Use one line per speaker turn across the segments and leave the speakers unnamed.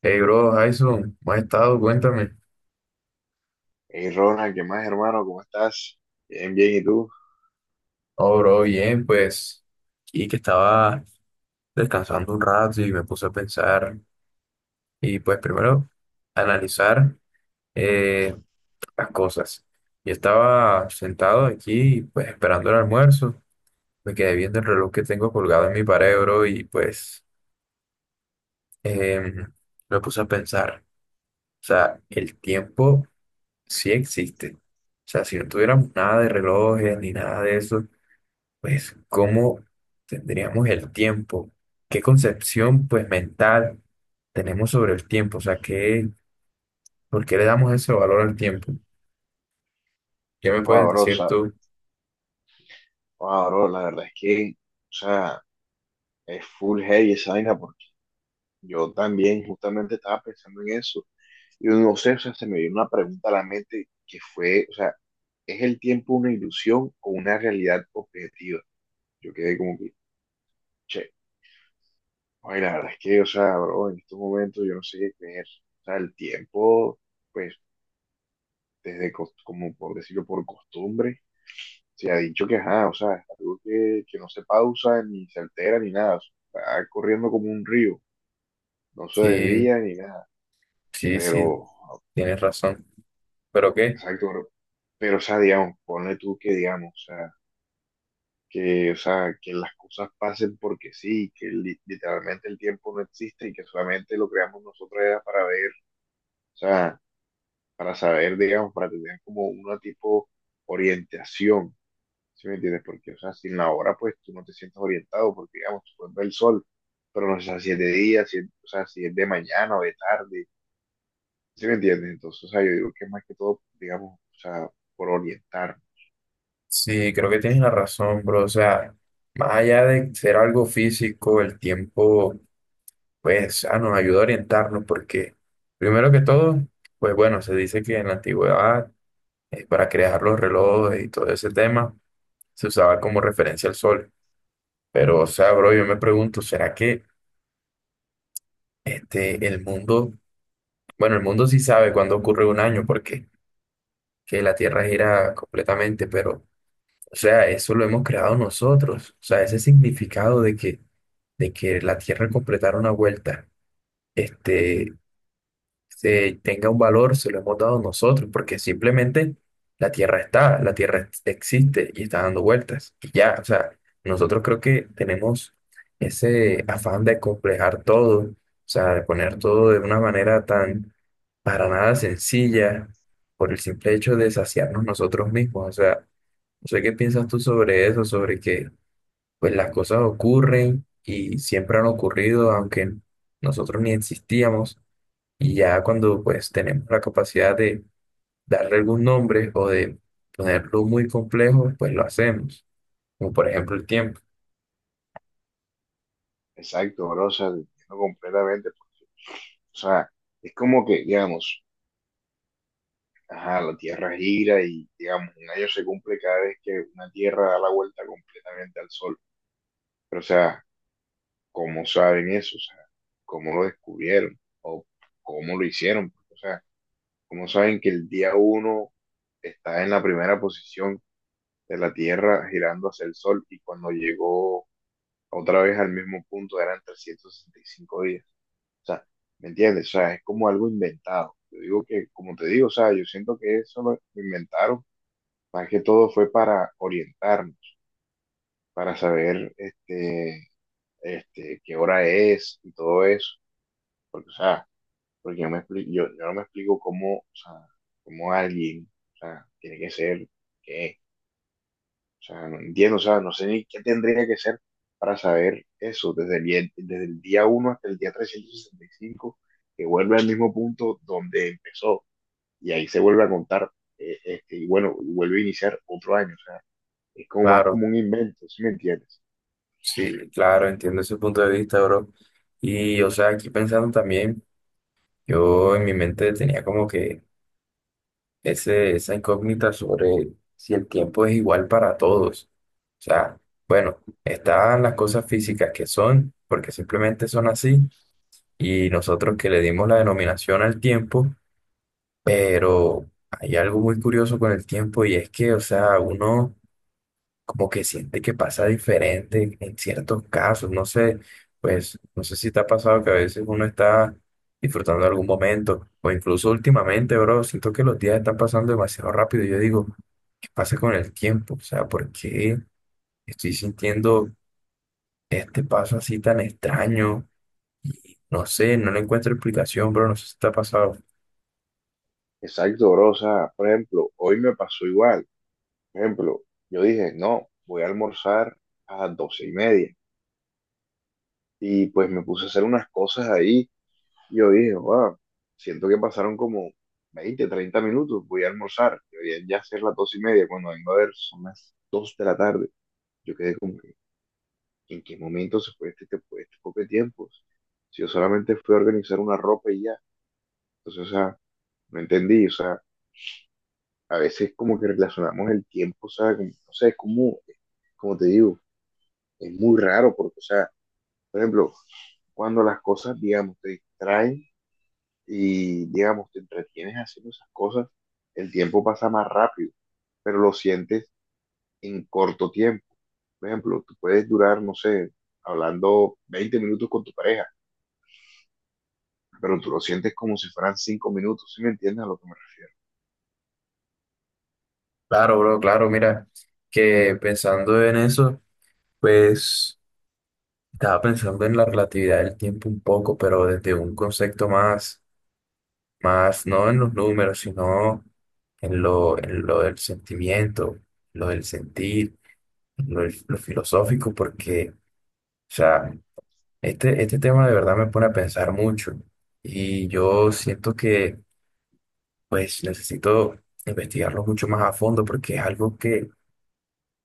Hey, bro, Jason, ¿cómo has estado? Cuéntame.
Hey Ronald, ¿qué más, hermano? ¿Cómo estás? Bien, bien, ¿y tú?
Oh, bro, bien, pues, y que estaba descansando un rato y me puse a pensar y pues primero analizar eh, las cosas. Yo estaba sentado aquí, pues, esperando el almuerzo, me quedé viendo el reloj que tengo colgado en mi pared, bro, y pues em, me puse a pensar, o sea, el tiempo sí existe. O sea, si no tuviéramos nada de relojes ni nada de eso pues cómo tendríamos el tiempo, qué concepción pues mental tenemos sobre el tiempo, o sea, qué, ¿por qué le damos ese valor al tiempo? ¿Qué me
Wow,
puedes
bro, o
decir
sea,
tú?
la verdad es que, o sea, es full heavy esa vaina, porque yo también justamente estaba pensando en eso. Y no sé, o sea, se me vino una pregunta a la mente que fue, o sea, ¿es el tiempo una ilusión o una realidad objetiva? Yo quedé como que, che, ay, la verdad es que, o sea, bro, en estos momentos yo no sé qué creer. O sea, el tiempo, pues, desde, como por decirlo, por costumbre se ha dicho que, ajá, o sea, es algo que no se pausa, ni se altera, ni nada. O sea, está corriendo como un río, no se
Sí,
desvía ni nada.
sí, sí,
Pero,
tienes razón, pero qué,
exacto, pero, o sea, digamos, ponle tú que, digamos, o sea, que las cosas pasen porque sí, que literalmente el tiempo no existe y que solamente lo creamos nosotros era para ver, o sea, para saber, digamos, para tener como una tipo orientación. ¿Sí me entiendes? Porque, o sea, sin la hora, pues tú no te sientes orientado, porque, digamos, tú puedes ver el sol, pero no sé, si es de día, si es, o sea, si es de mañana o de tarde, ¿sí me entiendes? Entonces, o sea, yo digo que es más que todo, digamos, o sea, por orientar.
sí, creo que tienes la razón, bro, o sea, más allá de ser algo físico, el tiempo pues ah, nos ayuda a orientarnos porque primero que todo, pues bueno, se dice que en la antigüedad, para crear los relojes y todo ese tema, se usaba como referencia al sol. Pero, o sea, bro, yo me pregunto, ¿será que este, el mundo, bueno, el mundo sí sabe cuándo ocurre un año, porque que la Tierra gira completamente, pero, o sea, eso lo hemos creado nosotros. O sea, ese significado de que la Tierra completara una vuelta, este, se tenga un valor, se lo hemos dado nosotros, porque simplemente la Tierra existe y está dando vueltas. Y ya, o sea, nosotros creo que tenemos ese afán de complejar todo, o sea, de poner todo de una manera tan para nada sencilla, por el simple hecho de saciarnos nosotros mismos. O sea, no sé qué piensas tú sobre eso, sobre que pues las cosas ocurren y siempre han ocurrido, aunque nosotros ni existíamos. Y ya cuando pues tenemos la capacidad de darle algún nombre o de ponerlo muy complejo, pues lo hacemos, como por ejemplo el tiempo.
Exacto, bro, o sea, te entiendo completamente. Pues, o sea, es como que, digamos, ajá, la Tierra gira y, digamos, un año se cumple cada vez que una Tierra da la vuelta completamente al sol. Pero, o sea, ¿cómo saben eso? O sea, ¿cómo lo descubrieron? ¿O cómo lo hicieron? O sea, como saben que el día uno está en la primera posición de la Tierra girando hacia el Sol y cuando llegó otra vez al mismo punto eran 365 días. O sea, ¿me entiendes? O sea, es como algo inventado. Yo digo que, como te digo, o sea, yo siento que eso lo inventaron, más que todo fue para orientarnos, para saber qué hora es y todo eso. Porque, o sea, porque yo no me explico cómo, o sea, cómo alguien, o sea, tiene que ser, qué, o sea, no entiendo, o sea, no sé ni qué tendría que ser para saber eso, desde el día uno hasta el día 365 que vuelve al mismo punto donde empezó, y ahí se vuelve a contar, y bueno, y vuelve a iniciar otro año, o sea, es como más
Claro,
como un invento, ¿sí me entiendes?
sí, claro, entiendo ese punto de vista, bro. Y, o sea, aquí pensando también, yo en mi mente tenía como que esa incógnita sobre si el tiempo es igual para todos. O sea, bueno, están las cosas físicas que son, porque simplemente son así, y nosotros que le dimos la denominación al tiempo. Pero hay algo muy curioso con el tiempo y es que, o sea, uno como que siente que pasa diferente en ciertos casos. No sé, pues, no sé si te ha pasado que a veces uno está disfrutando de algún momento o incluso últimamente, bro, siento que los días están pasando demasiado rápido. Y yo digo, ¿qué pasa con el tiempo? O sea, ¿por qué estoy sintiendo este paso así tan extraño? Y no sé, no le encuentro explicación, bro, no sé si te ha pasado.
Exacto, bro, o sea, por ejemplo, hoy me pasó igual, por ejemplo, yo dije, no, voy a almorzar a las 12:30. Y pues me puse a hacer unas cosas ahí. Y yo dije, wow, siento que pasaron como 20 30 minutos. Voy a almorzar. Deberían ya ser las 2:30. Cuando vengo a ver, son las 2 de la tarde. Yo quedé como que, ¿en qué momento se fue este poco de tiempo? Si yo solamente fui a organizar una ropa y ya. Entonces, o sea, no entendí. O sea, a veces como que relacionamos el tiempo, o sea, no sé, es como, como te digo, es muy raro porque, o sea, por ejemplo, cuando las cosas, digamos, te distraen, y digamos, te entretienes haciendo esas cosas, el tiempo pasa más rápido, pero lo sientes en corto tiempo. Por ejemplo, tú puedes durar, no sé, hablando 20 minutos con tu pareja, pero tú lo sientes como si fueran 5 minutos, ¿sí me entiendes a lo que me refiero?
Claro, bro, claro, mira, que pensando en eso, pues estaba pensando en la relatividad del tiempo un poco, pero desde un concepto más, más no en los números, sino en lo del sentimiento, lo del sentir, lo filosófico, porque, o sea, este tema de verdad me pone a pensar mucho y yo siento que, pues, necesito investigarlo mucho más a fondo porque es algo que,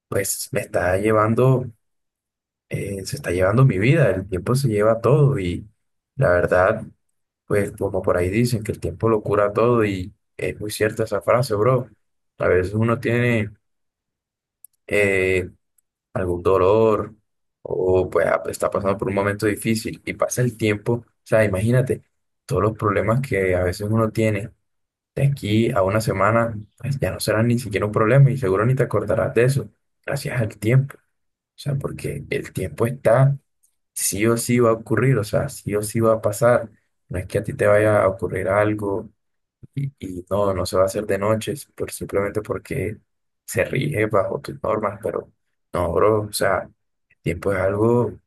pues, me está llevando. Se está llevando mi vida, el tiempo se lleva todo y la verdad, pues como por ahí dicen que el tiempo lo cura todo y es muy cierta esa frase, bro. A veces uno tiene eh, algún dolor o pues ah, está pasando por un momento difícil y pasa el tiempo, o sea, imagínate todos los problemas que a veces uno tiene. De aquí a una semana, pues ya no serán ni siquiera un problema y seguro ni te acordarás de eso, gracias al tiempo. O sea, porque el tiempo está sí o sí va a ocurrir, o sea, sí o sí va a pasar. No es que a ti te vaya a ocurrir algo y no se va a hacer de noche, por, simplemente porque se rige bajo tus normas, pero no, bro, o sea, el tiempo es algo,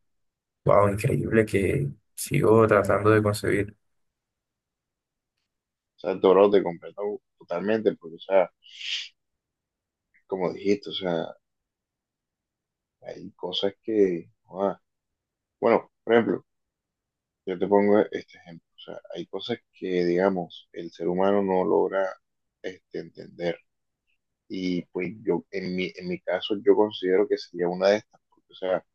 wow, increíble que sigo tratando de concebir.
O sea, todo lo te comprendo totalmente, porque, o sea, como dijiste, o sea, hay cosas que, bueno, por ejemplo, yo te pongo este ejemplo, o sea, hay cosas que, digamos, el ser humano no logra entender. Y pues yo, en mi caso, yo considero que sería una de estas, porque, o sea,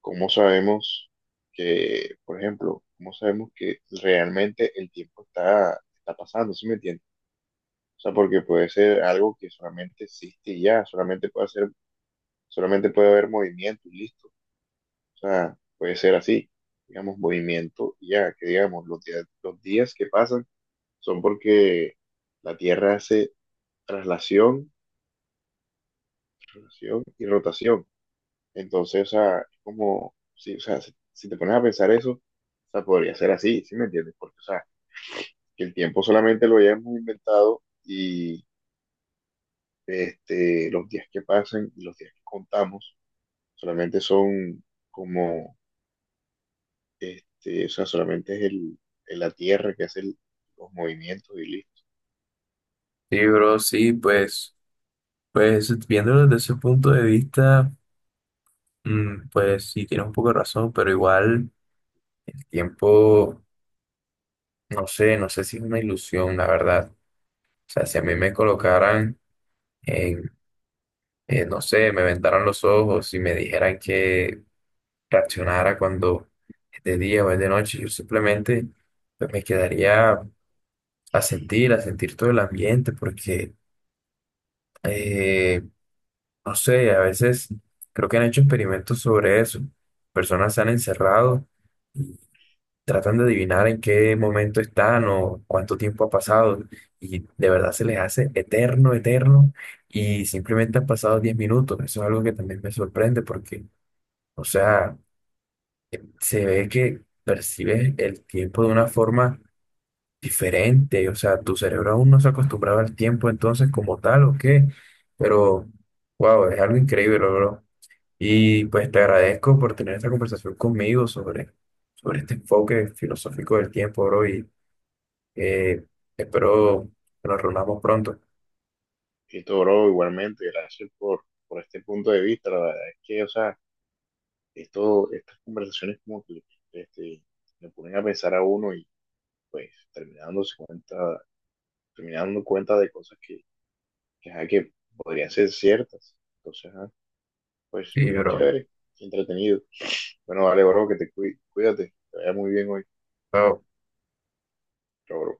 ¿cómo sabemos que, por ejemplo, cómo sabemos que realmente el tiempo está pasando, ¿sí me entiendes? O sea, porque puede ser algo que solamente existe y ya, solamente puede ser, solamente puede haber movimiento y listo. O sea, puede ser así, digamos, movimiento y ya, que digamos, los días que pasan son porque la Tierra hace traslación, traslación y rotación. Entonces, o sea, es como, sí, o sea, si te pones a pensar eso, o sea, podría ser así, ¿sí me entiendes? Porque, o sea, que el tiempo solamente lo hayamos inventado y los días que pasan y los días que contamos solamente son como, o sea, solamente es la Tierra que hace los movimientos y listo.
Sí, bro, sí, pues, pues viéndolo desde ese punto de vista, mm, pues sí, tienes un poco de razón, pero igual el tiempo, no sé, no sé si es una ilusión, la verdad. O sea, si a mí me colocaran en, no sé, me vendaran los ojos y me dijeran que reaccionara cuando es de día o es de noche, yo simplemente pues, me quedaría a sentir todo el ambiente, porque, eh, no sé, a veces creo que han hecho experimentos sobre eso. Personas se han encerrado, tratan de adivinar en qué momento están o cuánto tiempo ha pasado y de verdad se les hace eterno, eterno y simplemente han pasado 10 minutos. Eso es algo que también me sorprende porque, o sea, se ve que percibes el tiempo de una forma diferente, o sea, tu cerebro aún no se acostumbraba al tiempo entonces como tal o qué, pero wow, es algo increíble, bro. Y pues te agradezco por tener esta conversación conmigo sobre, sobre este enfoque filosófico del tiempo, bro, y eh, espero que nos reunamos pronto.
Esto, bro, igualmente, gracias por este punto de vista. La verdad es que, o sea, esto, estas conversaciones como que, este, le ponen a pensar a uno pues termina dándose cuenta, terminando dando cuenta de cosas que, ajá, que podrían ser ciertas. Entonces, ajá, pues
Sí,
es
bro.
chévere, entretenido. Bueno, vale, bro, que te cuide, cuídate, te vaya muy bien hoy.
Chao.
Chao, bro.